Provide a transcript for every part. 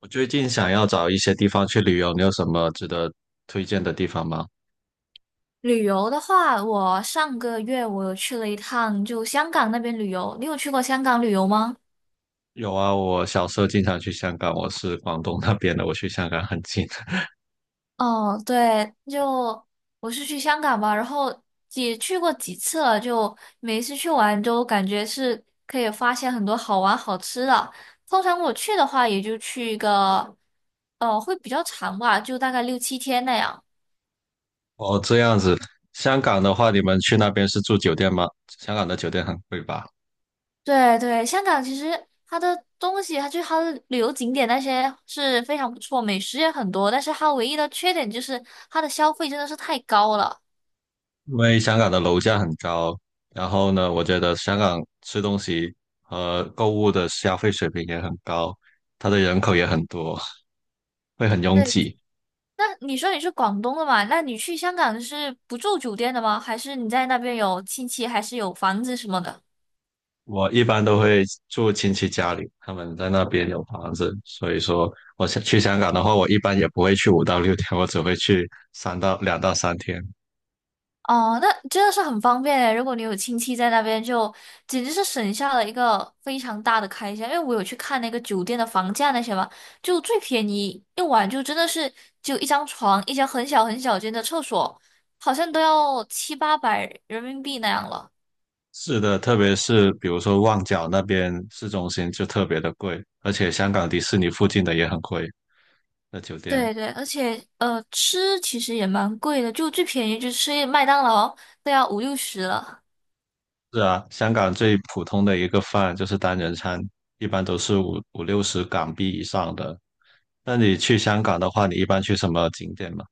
我最近想要找一些地方去旅游，你有什么值得推荐的地方吗？旅游的话，我上个月有去了一趟，就香港那边旅游。你有去过香港旅游吗？有啊，我小时候经常去香港，我是广东那边的，我去香港很近。哦，对，就我是去香港吧，然后也去过几次了，就每一次去玩都感觉是可以发现很多好玩好吃的。通常我去的话，也就去一个，会比较长吧，就大概六七天那样。哦，这样子，香港的话，你们去那边是住酒店吗？香港的酒店很贵吧？对对，香港其实它的东西，它就是它的旅游景点那些是非常不错，美食也很多，但是它唯一的缺点就是它的消费真的是太高了。因为香港的楼价很高，然后呢，我觉得香港吃东西和购物的消费水平也很高，它的人口也很多，会很拥对，挤。那你说你是广东的嘛？那你去香港是不住酒店的吗？还是你在那边有亲戚，还是有房子什么的？我一般都会住亲戚家里，他们在那边有房子，所以说我想去香港的话，我一般也不会去5到6天，我只会去2到3天。哦，那真的是很方便诶。如果你有亲戚在那边就，简直是省下了一个非常大的开销。因为我有去看那个酒店的房价那些嘛，就最便宜一晚就真的是就一张床，一间很小很小间的厕所，好像都要七八百人民币那样了。是的，特别是比如说旺角那边市中心就特别的贵，而且香港迪士尼附近的也很贵，那酒店。对对，而且吃其实也蛮贵的，就最便宜就吃麦当劳都要五六十了。是啊，香港最普通的一个饭就是单人餐，一般都是五六十港币以上的。那你去香港的话，你一般去什么景点吗？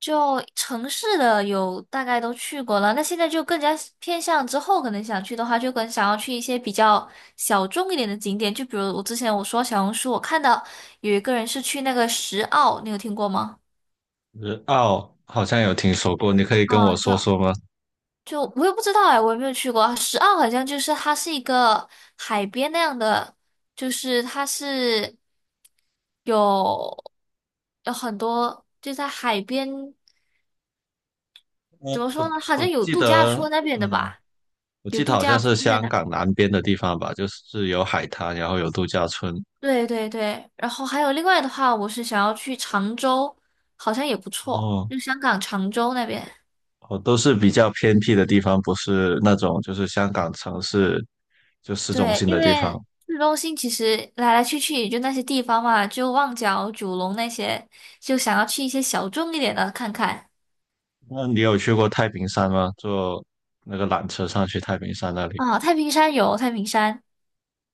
就城市的有大概都去过了，那现在就更加偏向之后可能想去的话，就更想要去一些比较小众一点的景点，就比如我之前说小红书，我看到有一个人是去那个石澳，你有听过吗？日澳好像有听说过，你可以跟啊，我说就说吗？就我也不知道哎，我也没有去过。石澳好像就是它是一个海边那样的，就是它是有有很多就在海边。我怎么说我呢？好像我有记度假得，村那边的嗯，吧，我有记得度好像假是村在香那边。港南边的地方吧，就是有海滩，然后有度假村，对对对，然后还有另外的话，我是想要去常州，好像也不错，哦就香港常州那边。哦，都是比较偏僻的地方，不是那种就是香港城市就市中对，心因的地为方。市中心其实来来去去也就那些地方嘛，就旺角、九龙那些，就想要去一些小众一点的看看。那你有去过太平山吗？坐那个缆车上去太平山那里？啊，太平山有太平山，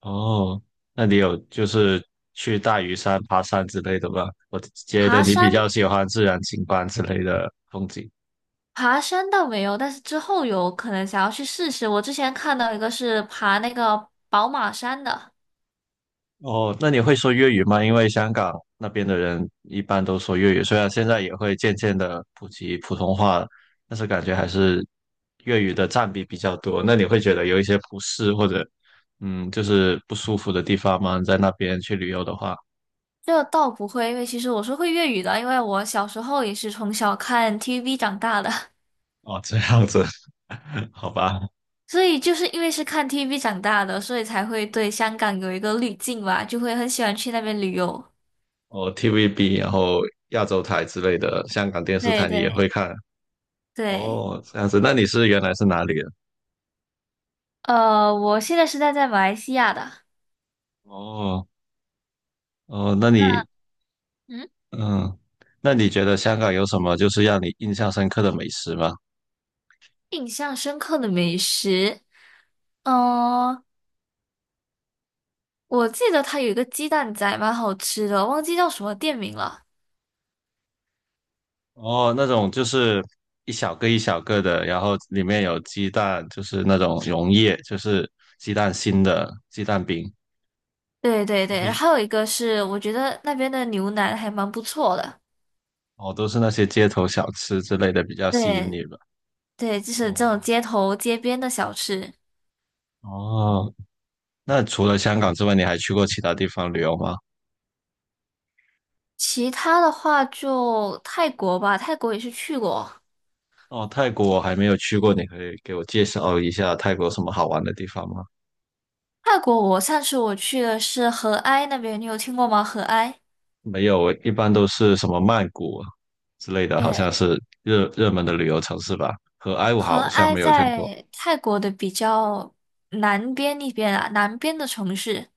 哦，那你有就是去大屿山爬山之类的吗？我觉得爬你比山较喜欢自然景观之类的风景。爬山倒没有，但是之后有可能想要去试试。我之前看到一个是爬那个宝马山的。哦，那你会说粤语吗？因为香港那边的人一般都说粤语，虽然现在也会渐渐的普及普通话了，但是感觉还是粤语的占比比较多。那你会觉得有一些不适或者就是不舒服的地方吗？在那边去旅游的话，这倒不会，因为其实我是会粤语的，因为我小时候也是从小看 TVB 长大的，哦，这样子，好吧。所以就是因为是看 TVB 长大的，所以才会对香港有一个滤镜吧，就会很喜欢去那边旅游。哦，TVB，然后亚洲台之类的，香港电视对台你也会对看对，哦，这样子。那你是原来是哪里人？我现在是在马来西亚的。哦哦，那你嗯，嗯，那你觉得香港有什么就是让你印象深刻的美食吗？印象深刻的美食，嗯、我记得它有一个鸡蛋仔蛮好吃的，忘记叫什么店名了。哦，那种就是一小个一小个的，然后里面有鸡蛋，就是那种溶液，就是鸡蛋心的鸡蛋饼，对对就对，然是后还有一个是，我觉得那边的牛腩还蛮不错的。哦，都是那些街头小吃之类的比较吸引对你吧？对，就是这哦种街头街边的小吃。哦，那除了香港之外，你还去过其他地方旅游吗？其他的话就泰国吧，泰国也是去过。哦，泰国我还没有去过，你可以给我介绍一下泰国有什么好玩的地方吗？泰国我上次我去的是合埃那边，你有听过吗？合埃，没有，一般都是什么曼谷啊之类的，好像对，是热门的旅游城市吧。和埃武合好像埃没有见过。在泰国的比较南边那边啊，南边的城市。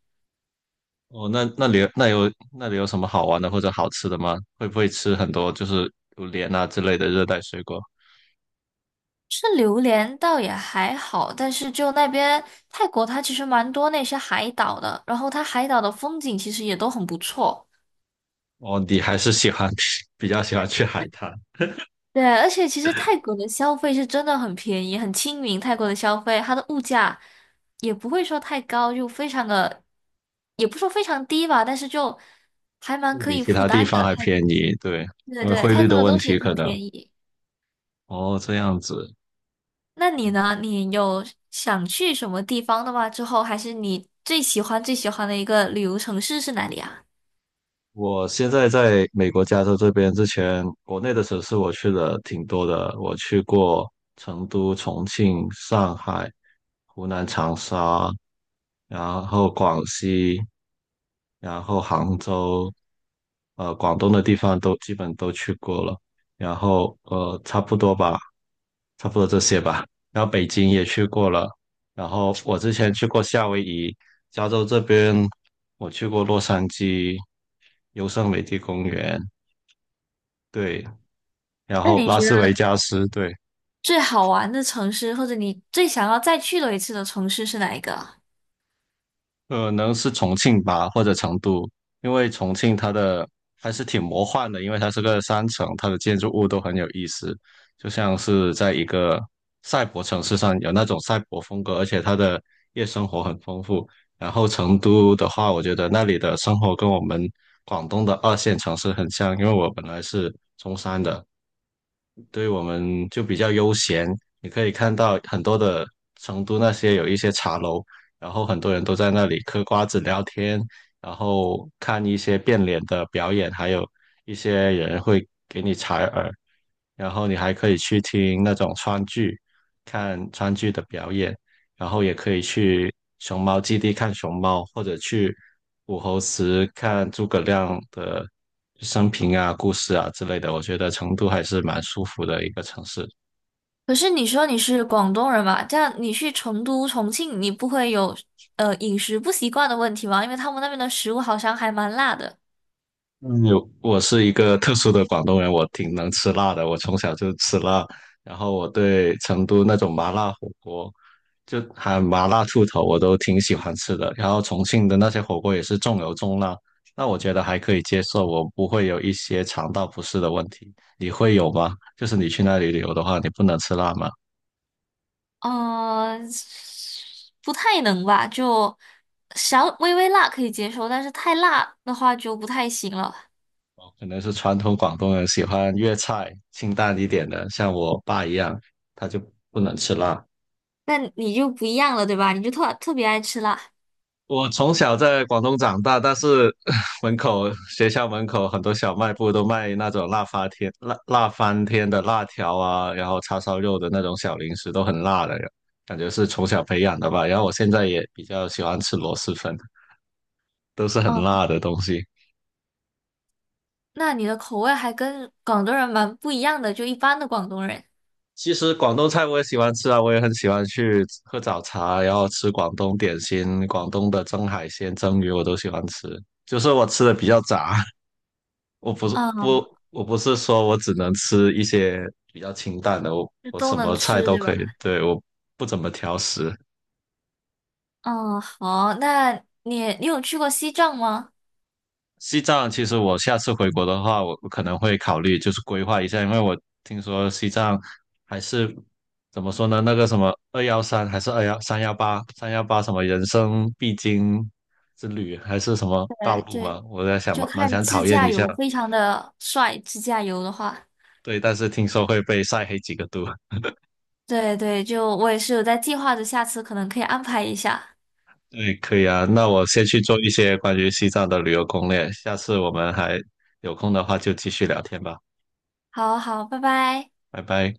哦，那那里有那有那里有什么好玩的或者好吃的吗？会不会吃很多就是榴莲啊之类的热带水果？吃榴莲倒也还好，但是就那边泰国它其实蛮多那些海岛的，然后它海岛的风景其实也都很不错。哦，你还是喜欢 比较喜欢去海滩，对，而且其实泰国的消费是真的很便宜，很亲民。泰国的消费，它的物价也不会说太高，就非常的，也不说非常低吧，但是就还蛮会可比以其负他地担方的。还泰，便国，宜，对，对因为对，汇泰率国的的问东西题可很能。便宜。哦，这样子。那你呢？你有想去什么地方的吗？之后还是你最喜欢最喜欢的一个旅游城市是哪里啊？我现在在美国加州这边，之前国内的城市我去了挺多的，我去过成都、重庆、上海、湖南长沙，然后广西。然后杭州，广东的地方都基本都去过了，然后差不多吧，差不多这些吧。然后北京也去过了，然后我之前去过夏威夷，加州这边我去过洛杉矶、优胜美地公园，对，然那后你拉觉斯得维加斯，对。最好玩的城市，或者你最想要再去的一次的城市是哪一个啊？可能是重庆吧，或者成都，因为重庆它的还是挺魔幻的，因为它是个山城，它的建筑物都很有意思，就像是在一个赛博城市上有那种赛博风格，而且它的夜生活很丰富。然后成都的话，我觉得那里的生活跟我们广东的二线城市很像，因为我本来是中山的，对我们就比较悠闲。你可以看到很多的成都那些有一些茶楼，然后很多人都在那里嗑瓜子聊天，然后看一些变脸的表演，还有一些人会给你采耳，然后你还可以去听那种川剧，看川剧的表演，然后也可以去熊猫基地看熊猫，或者去武侯祠看诸葛亮的生平啊、故事啊之类的，我觉得成都还是蛮舒服的一个城市。可是你说你是广东人嘛，这样你去成都、重庆，你不会有呃饮食不习惯的问题吗？因为他们那边的食物好像还蛮辣的。嗯，有我是一个特殊的广东人，我挺能吃辣的，我从小就吃辣，然后我对成都那种麻辣火锅，就喊麻辣兔头，我都挺喜欢吃的。然后重庆的那些火锅也是重油重辣，那我觉得还可以接受，我不会有一些肠道不适的问题。你会有吗？就是你去那里旅游的话，你不能吃辣吗？嗯，不太能吧，就小微微辣可以接受，但是太辣的话就不太行了。哦，可能是传统广东人喜欢粤菜，清淡一点的，像我爸一样，他就不能吃辣。那你就不一样了，对吧？你就特别爱吃辣。我从小在广东长大，但是 门口学校门口很多小卖部都卖那种辣翻天、辣辣翻天的辣条啊，然后叉烧肉的那种小零食都很辣的，感觉是从小培养的吧。然后我现在也比较喜欢吃螺蛳粉，都是很嗯，辣的东西。那你的口味还跟广东人蛮不一样的，就一般的广东人。其实广东菜我也喜欢吃啊，我也很喜欢去喝早茶，然后吃广东点心，广东的蒸海鲜、蒸鱼我都喜欢吃。就是我吃的比较杂，我不是嗯，不我不是说我只能吃一些比较清淡的，我就我都什能么菜吃，都对可吧？以，对，我不怎么挑食。嗯，好，那你有去过西藏吗？西藏其实我下次回国的话，我可能会考虑就是规划一下，因为我听说西藏还是怎么说呢？那个什么二幺三还是21318三幺八什么人生必经之旅还是什么道对路嘛？对，我在想就蛮看想讨自厌驾一下，游，非常的帅。自驾游的话，对，但是听说会被晒黑几个度。对对，就我也是有在计划着，下次可能可以安排一下。对，可以啊，那我先去做一些关于西藏的旅游攻略，下次我们还有空的话就继续聊天吧，好好，拜拜。拜拜。